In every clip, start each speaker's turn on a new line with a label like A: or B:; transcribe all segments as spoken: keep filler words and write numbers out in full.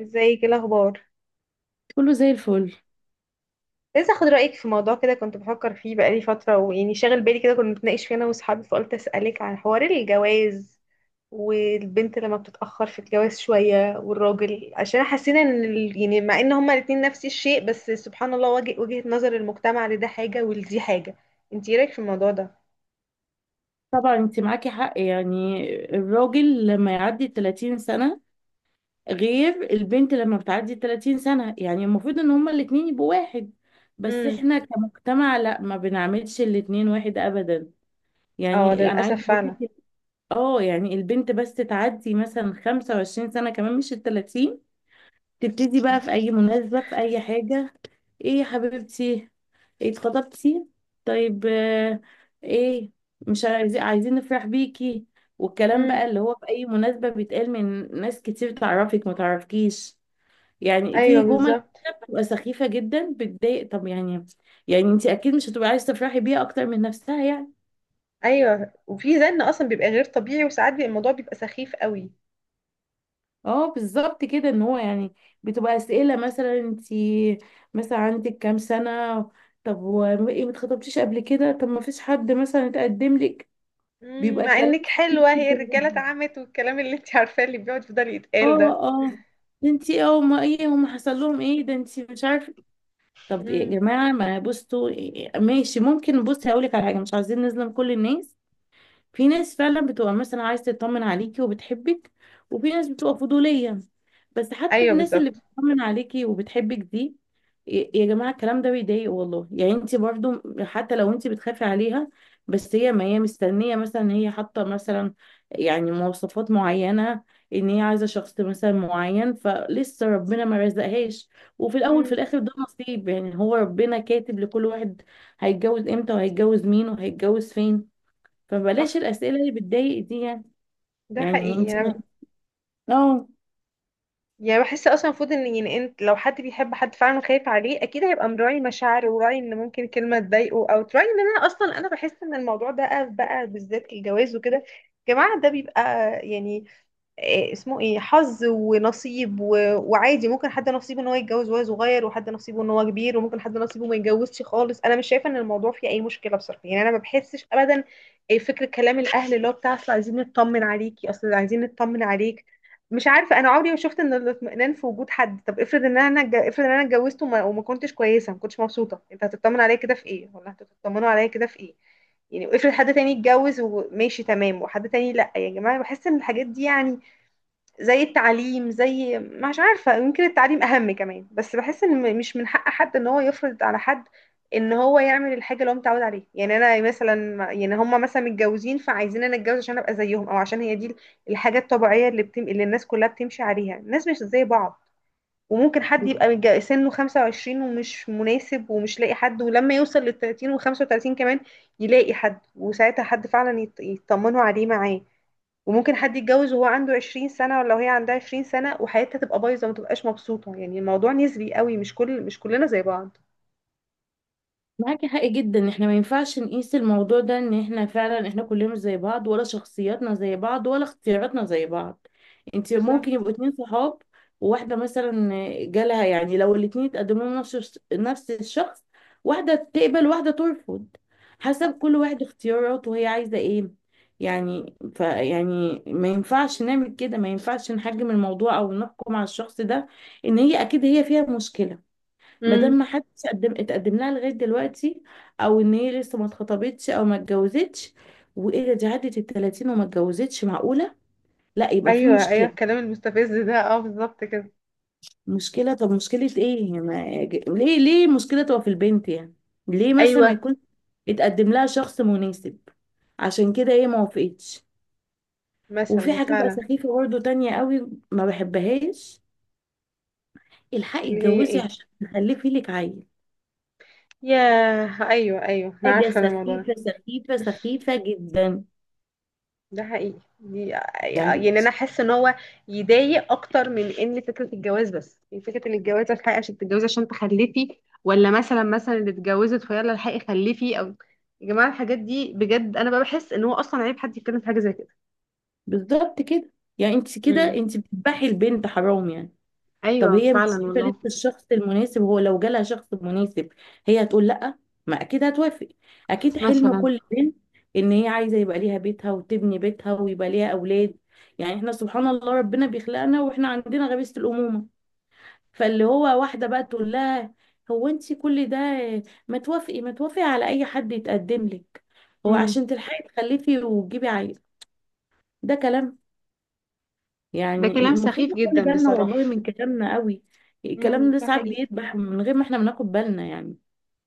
A: ازيك؟ ايه الاخبار؟
B: كله زي الفل.
A: لسه اخد رايك في موضوع كده، كنت بفكر فيه بقالي فتره ويعني شاغل بالي كده. كنا بنتناقش فيه انا واصحابي، فقلت اسالك عن حوار الجواز والبنت لما بتتاخر في الجواز شويه والراجل. عشان حسينا ان ال- يعني مع ان هما الاتنين نفس الشيء، بس سبحان الله وجه وجهه نظر المجتمع لده حاجه ولدي حاجه. انت ايه رايك في الموضوع ده؟
B: طبعا انت معاكي حق، يعني الراجل لما يعدي ثلاثين سنة غير البنت لما بتعدي ثلاثين سنة، يعني المفروض ان هما الاتنين يبقوا واحد، بس
A: امم.
B: احنا كمجتمع لا، ما بنعملش الاتنين واحد ابدا.
A: اه
B: يعني انا
A: للاسف
B: عايزة اقول
A: فعلا.
B: لك، اه يعني البنت بس تعدي مثلا خمسة وعشرين سنة، كمان مش ال ثلاثين، تبتدي بقى في اي مناسبة في اي حاجة: ايه يا حبيبتي، إيه اتخطبتي؟ طيب آه، ايه؟ مش عايزين عايزين نفرح بيكي. والكلام بقى
A: امم،
B: اللي هو في اي مناسبة بيتقال من ناس كتير، تعرفك ما تعرفكيش. يعني
A: ايوه
B: في جمل
A: بالظبط.
B: كده بتبقى سخيفة جدا، بتضايق. طب يعني، يعني انت اكيد مش هتبقى عايزة تفرحي بيها اكتر من نفسها يعني.
A: ايوه، وفي زن اصلا بيبقى غير طبيعي، وساعات بيبقى الموضوع بيبقى سخيف قوي.
B: اه بالظبط كده. ان هو يعني بتبقى اسئله مثلا: انت مثلا عندك كام سنه؟ طب وايه ما اتخطبتيش قبل كده؟ طب ما فيش حد مثلا اتقدم لك؟
A: مم،
B: بيبقى
A: مع
B: كلام
A: انك حلوة
B: كتير
A: هي الرجالة
B: جدا.
A: اتعمت، والكلام اللي انت عارفاه اللي بيقعد يفضل يتقال ده.
B: اه اه. ده انت، اه، ما ايه هم، حصل لهم ايه؟ ده انت مش عارفه. طب يا
A: مم.
B: جماعه، ما بصوا، إيه- ماشي، ممكن بصي هقول لك على حاجه: مش عايزين نظلم كل الناس، في ناس فعلا بتبقى مثلا عايزة تطمن عليكي وبتحبك، وفي ناس بتبقى فضولية. بس حتى
A: ايوه
B: الناس اللي
A: بالظبط.
B: بتطمن عليكي وبتحبك دي، ي- يا جماعة الكلام ده بيضايق والله، يعني انت برضو حتى لو انت بتخافي عليها، بس هي ما هي مستنية، مثلا ان هي حاطة مثلا يعني مواصفات معينة، ان هي عايزة شخص مثلا معين، فلسه ربنا ما رزقهاش. وفي الاول في
A: مم،
B: الاخر ده نصيب، يعني هو ربنا كاتب لكل واحد هيتجوز امتى وهيتجوز مين وهيتجوز فين.
A: صح.
B: فبلاش الأسئلة اللي بتضايق دي يعني.
A: ده
B: يعني
A: حقيقي.
B: انت
A: انا
B: اه،
A: يعني بحس اصلا المفروض ان، يعني انت لو حد بيحب حد فعلا خايف عليه اكيد هيبقى مراعي مشاعره وراعي ان ممكن كلمة تضايقه، او تراعي ان انا. اصلا انا بحس ان الموضوع ده بقى بقى بالذات الجواز وكده. يا جماعة ده بيبقى، يعني، إيه اسمه، ايه، حظ ونصيب و... وعادي. ممكن حد نصيبه ان هو يتجوز وهو صغير، وحد نصيبه ان هو كبير، وممكن حد نصيبه ما يتجوزش خالص. انا مش شايفه ان الموضوع فيه اي مشكله بصراحه، يعني انا ما بحسش ابدا. إيه فكره كلام الاهل اللي هو بتاع: اصل عايزين نطمن عليكي، اصل عايزين نطمن عليك، مش عارفه. انا عمري ما شفت ان الاطمئنان في وجود حد. طب افرض ان انا اتج- افرض ان انا اتجوزت وما... وما كنتش كويسه، ما كنتش مبسوطه، انت هتطمن عليا كده في ايه؟ ولا هتطمنوا عليا كده في ايه؟ يعني افرض حد تاني اتجوز وماشي تمام، وحد تاني لا. يا جماعه، بحس ان الحاجات دي، يعني زي التعليم، زي، مش عارفة، يمكن التعليم أهم كمان. بس بحس إن م- مش من حق حد إن هو يفرض على حد إن هو يعمل الحاجة اللي هو متعود عليها. يعني أنا مثلا، يعني هما مثلا متجوزين، فعايزين أنا أتجوز عشان أبقى زيهم، أو عشان هي دي الحاجة الطبيعية اللي, بتم... اللي الناس كلها بتمشي عليها. الناس مش زي بعض، وممكن حد يبقى متج- سنه خمسة وعشرين ومش مناسب ومش لاقي حد، ولما يوصل لل تلاتين و خمسة وتلاتين كمان يلاقي حد، وساعتها حد فعلا يط- يطمنوا عليه معاه. وممكن حد يتجوز وهو عنده عشرين سنة، ولا وهي عندها عشرين سنة، وحياتها تبقى بايظة وما تبقاش مبسوطة. يعني الموضوع نسبي قوي، مش كل مش كلنا زي بعض.
B: معاكي حق جدا. احنا ما ينفعش نقيس الموضوع ده، ان احنا فعلا احنا كلنا مش زي بعض، ولا شخصياتنا زي بعض، ولا اختياراتنا زي بعض. انت ممكن
A: بالظبط.
B: يبقوا اتنين صحاب، وواحدة مثلا جالها، يعني لو الاتنين اتقدموا لهم نفس الش- نفس الشخص، واحدة تقبل واحدة ترفض، حسب كل واحد اختياراته وهي عايزة ايه. يعني ف يعني ما ينفعش نعمل كده، ما ينفعش نحجم الموضوع او نحكم على الشخص ده ان هي اكيد هي فيها مشكلة، ما دام
A: امم.
B: ما حدش قدم اتقدم لها لغايه دلوقتي، او ان هي لسه ما اتخطبتش او ما اتجوزتش. وايه ده، دي عدت ال ثلاثين وما اتجوزتش، معقوله؟ لا يبقى في
A: ايوه ايوه،
B: مشكله.
A: الكلام المستفز ده، اه بالظبط كده.
B: مشكله طب مشكله ايه؟ ما... ج- ليه ليه المشكله تبقى في البنت يعني؟ ليه مثلا ما
A: ايوه
B: يكون اتقدم لها شخص مناسب عشان كده ايه ما وافقتش. وفي
A: مثلا
B: حاجه بقى
A: فعلا.
B: سخيفه برضه تانية قوي ما بحبهاش: الحقي
A: اللي هي
B: اتجوزي
A: ايه.
B: عشان تخلفي لك عيل.
A: ياه، ايوه ايوه، انا
B: حاجه
A: عارفة الموضوع ده.
B: سخيفه سخيفه سخيفه جدا.
A: ده حقيقي دي.
B: يعني
A: يعني انا حاسه ان هو يضايق اكتر من ان فكره الجواز بس. يعني فكره ان الجواز: الحقي عشان تتجوزي، عشان تخلفي، ولا مثلا مثلا اللي اتجوزت فيلا الحقي خلفي. او يا جماعه الحاجات دي، بجد انا بقى بحس ان هو اصلا عيب حد يتكلم في حاجه زي كده.
B: بالظبط كده. يعني انت كده
A: امم.
B: انت بتذبحي البنت، حرام يعني. طب
A: ايوه
B: هي مش
A: فعلا
B: شايفه
A: والله.
B: لسه الشخص المناسب، هو لو جالها شخص مناسب هي هتقول لا؟ ما اكيد هتوافق. اكيد حلم
A: مثلا.
B: كل بنت ان هي عايزه يبقى ليها بيتها وتبني بيتها ويبقى ليها اولاد. يعني احنا سبحان الله ربنا بيخلقنا واحنا عندنا غريزه الامومه. فاللي هو واحده بقى تقول لها: هو انت كل ده ما توافقي ما توافقي على اي حد يتقدم لك هو
A: امم.
B: عشان تلحقي تخلفي وتجيبي عيل؟ ده كلام؟
A: ده
B: يعني
A: كلام
B: المفروض
A: سخيف
B: نخلي
A: جدا
B: بالنا والله
A: بصراحه.
B: من كلامنا قوي.
A: امم،
B: كلامنا ده
A: ده
B: ساعات
A: حقيقي.
B: بيدبح من غير ما احنا بناخد بالنا يعني.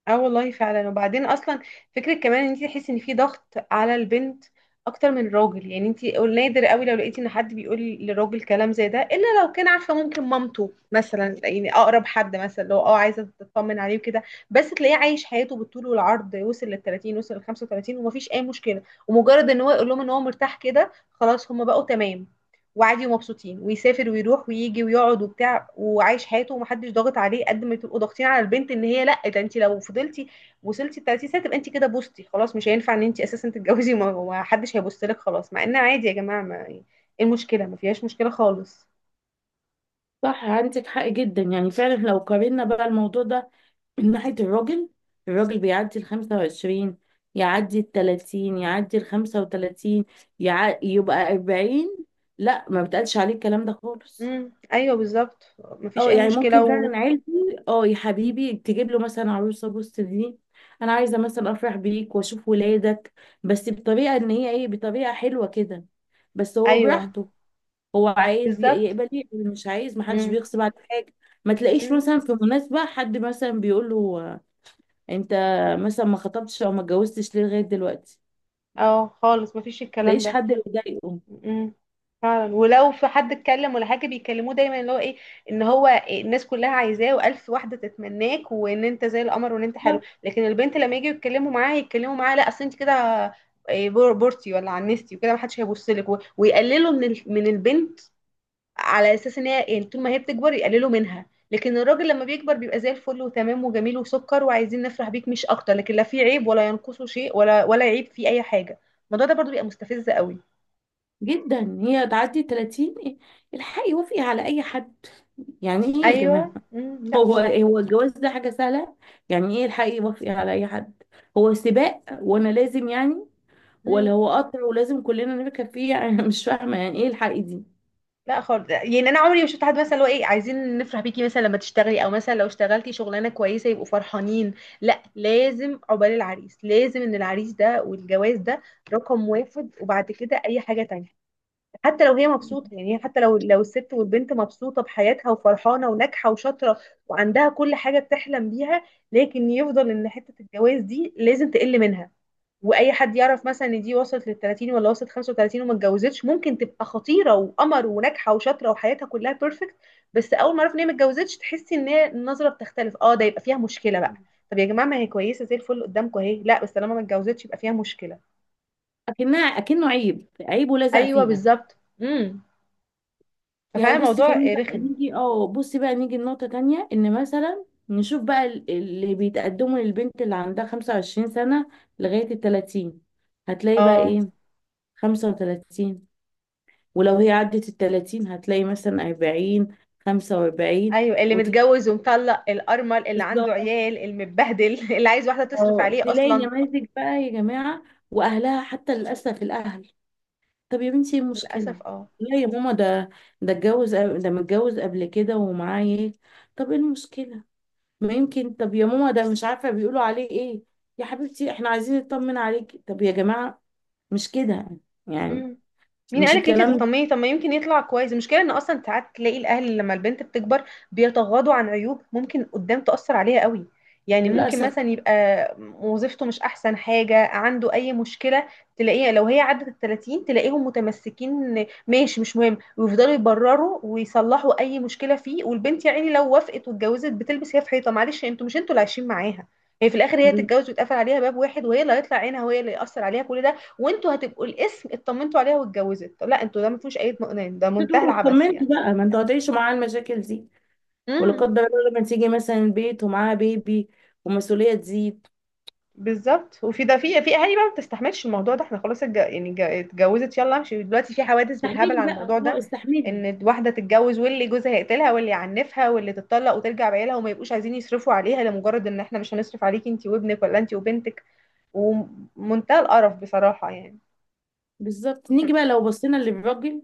A: اه والله فعلا. وبعدين اصلا فكره كمان ان انت تحسي ان في ضغط على البنت اكتر من الراجل. يعني انت نادر قوي لو لقيتي ان حد بيقول للراجل كلام زي ده، الا لو كان عارفه، ممكن مامته مثلا، يعني اقرب حد مثلا، لو اه عايزه تطمن عليه وكده. بس تلاقيه عايش حياته بالطول والعرض، وصل لل تلاتين، وصل لل خمسة وتلاتين، ومفيش اي مشكله. ومجرد ان هو يقول لهم ان هو مرتاح كده خلاص هم بقوا تمام، وعادي ومبسوطين، ويسافر ويروح ويجي ويقعد وبتاع وعايش حياته، ومحدش ضاغط عليه. قد ما تبقوا ضاغطين على البنت ان هي لا، ده انت لو فضلتي وصلتي ل تلاتين سنه تبقى انت كده بوستي خلاص، مش هينفع ان انت اساسا تتجوزي، وما وما حدش هيبص لك خلاص. مع ان عادي يا جماعه، ما ايه إيه المشكله؟ ما فيهاش مشكله خالص.
B: صح، عندك حق جدا، يعني فعلا لو قارنا بقى الموضوع ده من ناحية الراجل: الراجل بيعدي ال خمسة وعشرين، يعدي ال ثلاثين، يعدي ال خمسة وتلاتين، يع... يبقى أربعين، لا ما بتقالش عليه الكلام ده خالص.
A: امم، ايوه بالظبط، ما فيش
B: اه
A: اي
B: يعني
A: مشكله
B: ممكن
A: و...
B: فعلا عيلتي، اه يا حبيبي تجيب له مثلا عروسه بص دي، انا عايزه مثلا افرح بيك واشوف ولادك، بس بطريقه ان هي ايه، بطريقه حلوه كده، بس هو
A: ايوه
B: براحته، هو عايز ي-
A: بالظبط.
B: يقبل يقبل، مش عايز محدش
A: امم.
B: بيغصب على حاجه. ما تلاقيش
A: امم.
B: مثلا في مناسبه حد مثلا بيقول له: آه، انت مثلا ما خطبتش او ما اتجوزتش ليه لغايه دلوقتي؟
A: اه خالص، ما فيش
B: ما
A: الكلام
B: تلاقيش
A: ده.
B: حد بيضايقه.
A: امم. فعلا. ولو في حد اتكلم ولا حاجه بيكلموه دايما اللي هو ايه، ان هو الناس كلها عايزاه والف واحده تتمناك، وان انت زي القمر وان انت حلو.
B: لا،
A: لكن البنت لما يجوا يتكلموا معاها، يتكلموا معاها لا اصل انت كده إيه، بور- بورتي ولا عنستي وكده محدش هيبص لك، و- ويقللوا من ال- من البنت على اساس ان هي، يعني طول ما هي بتكبر يقللوا منها. لكن الراجل لما بيكبر بيبقى زي الفل وتمام وجميل وسكر وعايزين نفرح بيك مش اكتر، لكن لا في عيب ولا ينقصه شيء، ولا ولا عيب في اي حاجه. الموضوع ده برضو بيبقى مستفز قوي.
B: جدا هي تعدي ثلاثين إيه؟ الحقي وافقي على اي حد؟ يعني ايه يا
A: ايوه.
B: جماعه؟
A: امم. لا
B: هو
A: طبعا.
B: هو الجواز ده حاجة سهلة؟ يعني ايه الحق يوافق على اي حد؟ هو سباق وانا لازم يعني، ولا
A: امم.
B: هو قطر ولازم كلنا نركب فيه؟ يعني أنا مش فاهمة يعني ايه الحق دي؟
A: لا خالص، يعني انا عمري ما شفت حد مثلا اللي هو ايه عايزين نفرح بيكي مثلا لما تشتغلي، او مثلا لو اشتغلتي شغلانه كويسه يبقوا فرحانين. لا لازم عقبال العريس، لازم ان العريس ده والجواز ده رقم واحد، وبعد كده اي حاجه تانية. حتى لو هي مبسوطة، يعني حتى لو لو الست والبنت مبسوطة بحياتها وفرحانة وناجحة وشاطرة وعندها كل حاجة بتحلم بيها، لكن يفضل ان حتة الجواز دي لازم تقل منها. واي حد يعرف مثلا ان دي وصلت لل تلاتين ولا وصلت خمسة وتلاتين وما اتجوزتش، ممكن تبقى خطيرة وقمر وناجحة وشاطرة وحياتها كلها بيرفكت، بس اول ما اعرف ان هي ما اتجوزتش تحسي ان هي النظرة بتختلف. اه ده يبقى فيها مشكلة بقى. طب يا جماعة ما هي كويسة زي الفل قدامكم اهي، لا بس طالما ما اتجوزتش يبقى فيها مشكلة.
B: اكنها اكنه عيب، عيب ولزق
A: ايوه
B: فيها.
A: بالظبط. امم.
B: يعني
A: ففعلا
B: بص
A: الموضوع
B: كمان بقى
A: رخم.
B: نيجي، اه بصي بقى نيجي لنقطة تانية: ان مثلا نشوف بقى ال- اللي بيتقدموا للبنت اللي عندها خمسة وعشرين سنة لغاية ال ثلاثين، هتلاقي بقى
A: اه
B: ايه، خمسة وثلاثين، ولو هي عدت التلاتين هتلاقي مثلا أربعين، خمسة وأربعين،
A: ايوه، اللي
B: وتلاقي،
A: متجوز ومطلق، الارمل، اللي عنده
B: بالظبط،
A: عيال، المتبهدل اللي عايز واحده تصرف
B: آه،
A: عليه
B: تلاقي
A: اصلا.
B: نماذج بقى يا جماعة. وأهلها حتى، للأسف الأهل: طب يا بنتي ايه المشكلة؟
A: للاسف اه.
B: لا يا ماما ده، ده اتجوز قبل- ده متجوز قبل كده ومعاه ايه؟ طب ايه المشكلة؟ ما يمكن، طب يا ماما ده مش عارفة بيقولوا عليه ايه؟ يا حبيبتي احنا عايزين نطمن عليكي. طب يا جماعة مش كده يعني،
A: مم. مين
B: مش
A: قالك انت
B: الكلام ده.
A: هتطمني؟ طب ما يمكن يطلع كويس. المشكله ان اصلا ساعات تلاقي الاهل لما البنت بتكبر بيتغاضوا عن عيوب ممكن قدام تاثر عليها قوي. يعني ممكن
B: للأسف
A: مثلا يبقى وظيفته مش احسن حاجه، عنده اي مشكله، تلاقيها لو هي عدت ال تلاتين تلاقيهم متمسكين، ماشي مش مهم، ويفضلوا يبرروا ويصلحوا اي مشكله فيه. والبنت يا عيني لو وافقت واتجوزت بتلبس هي في حيطه، معلش انتوا مش انتوا اللي عايشين معاها. هي في الاخر هي تتجوز ويتقفل عليها باب واحد، وهي اللي هيطلع عينها، وهي اللي ياثر عليها كل ده. وانتوا هتبقوا الاسم اطمنتوا عليها واتجوزت. طب لا انتوا، ده ما فيهوش اي اطمئنان، ده منتهى
B: بتدوقوا،
A: العبث
B: اطمنتوا
A: يعني.
B: بقى، ما انتوا هتعيشوا معاه المشاكل دي، ولا
A: امم.
B: قدر الله لما تيجي مثلا البيت ومعاها بيبي ومسؤولية تزيد،
A: بالظبط. وفي ده، في في اهالي بقى ما بتستحملش الموضوع ده، احنا خلاص اتج... يعني اتج- اتجوزت، يلا امشي دلوقتي. في حوادث بالهبل
B: استحملي
A: على
B: بقى،
A: الموضوع
B: اه
A: ده،
B: استحملي.
A: ان واحده تتجوز واللي جوزها يقتلها واللي يعنفها واللي تتطلق وترجع بعيالها، وما يبقوش عايزين يصرفوا عليها لمجرد ان احنا مش هنصرف عليكي انت وابنك، ولا انت وبنتك. ومنتهى القرف بصراحه يعني.
B: بالظبط. نيجي بقى لو بصينا للراجل: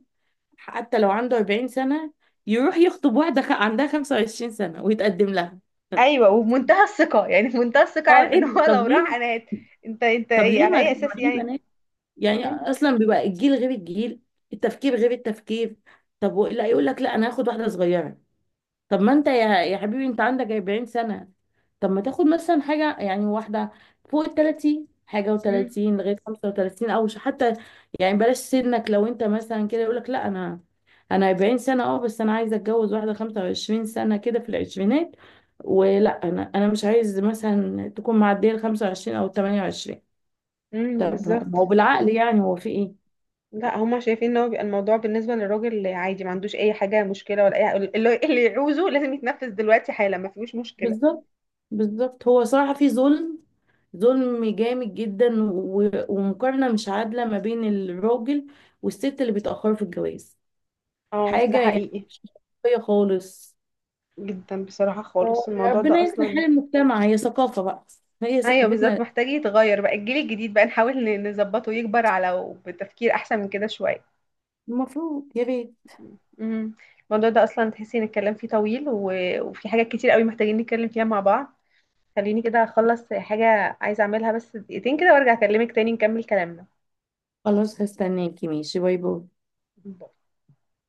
B: حتى لو عنده أربعين سنة يروح يخطب واحدة خ- عندها خمسة وعشرين سنة ويتقدم لها.
A: ايوه وبمنتهى الثقه، يعني بمنتهى الثقه،
B: اه
A: عارف
B: ايه
A: ان هو
B: ده؟ طب
A: لو
B: ليه؟
A: راح انا هت... انت انت
B: طب
A: ايه
B: ليه
A: على
B: ما في
A: اي اساس
B: ما في
A: يعني؟
B: بنات؟ يعني
A: مم.
B: اصلا بيبقى الجيل غير الجيل، التفكير غير التفكير. طب و- لا يقول لك لا انا هاخد واحدة صغيرة. طب ما انت يا يا حبيبي انت عندك أربعين سنة، طب ما تاخد مثلا حاجة يعني واحدة فوق ال ثلاثين، حاجة
A: مم.
B: وتلاتين لغاية خمسة وتلاتين، او ش- حتى، يعني بلاش سنك. لو انت مثلا كده يقولك لا انا، انا أربعين سنة، اه بس انا عايزة اتجوز واحدة خمسة وعشرين سنة كده في العشرينات، ولا انا انا مش عايز مثلا تكون معدية ال خمسة وعشرين او ثمانية وعشرين.
A: مم.
B: طب ما هو
A: بالظبط.
B: بالعقل يعني، هو في ايه؟
A: لا هما شايفين ان هو بيبقى الموضوع بالنسبه للراجل عادي، ما عندوش اي حاجه مشكله، ولا اي اللي اللي يعوزه لازم يتنفذ دلوقتي حالا، ما فيهوش مشكله.
B: بالظبط، بالظبط. هو صراحة في ظلم، ظلم جامد جدا، و- ومقارنة مش عادلة ما بين الراجل والست اللي بيتأخروا في الجواز،
A: اه ده
B: حاجة يعني
A: حقيقي.
B: مش منطقية خالص.
A: جدا بصراحه خالص الموضوع
B: ربنا
A: ده
B: يصلح حال
A: اصلا.
B: المجتمع، هي ثقافة بقى، هي
A: ايوه بالظبط،
B: ثقافتنا.
A: محتاج يتغير بقى الجيل الجديد بقى، نحاول ن- نظبطه يكبر على بتفكير احسن من كده شويه.
B: المفروض يا بيه.
A: مم. الموضوع ده اصلا تحسي ان الكلام فيه طويل و... وفي حاجات كتير قوي محتاجين نتكلم فيها مع بعض. خليني كده اخلص حاجه عايزه اعملها، بس دقيقتين كده وارجع اكلمك تاني نكمل كلامنا.
B: خلاص هستناكي، ماشي، باي باي.
A: بال.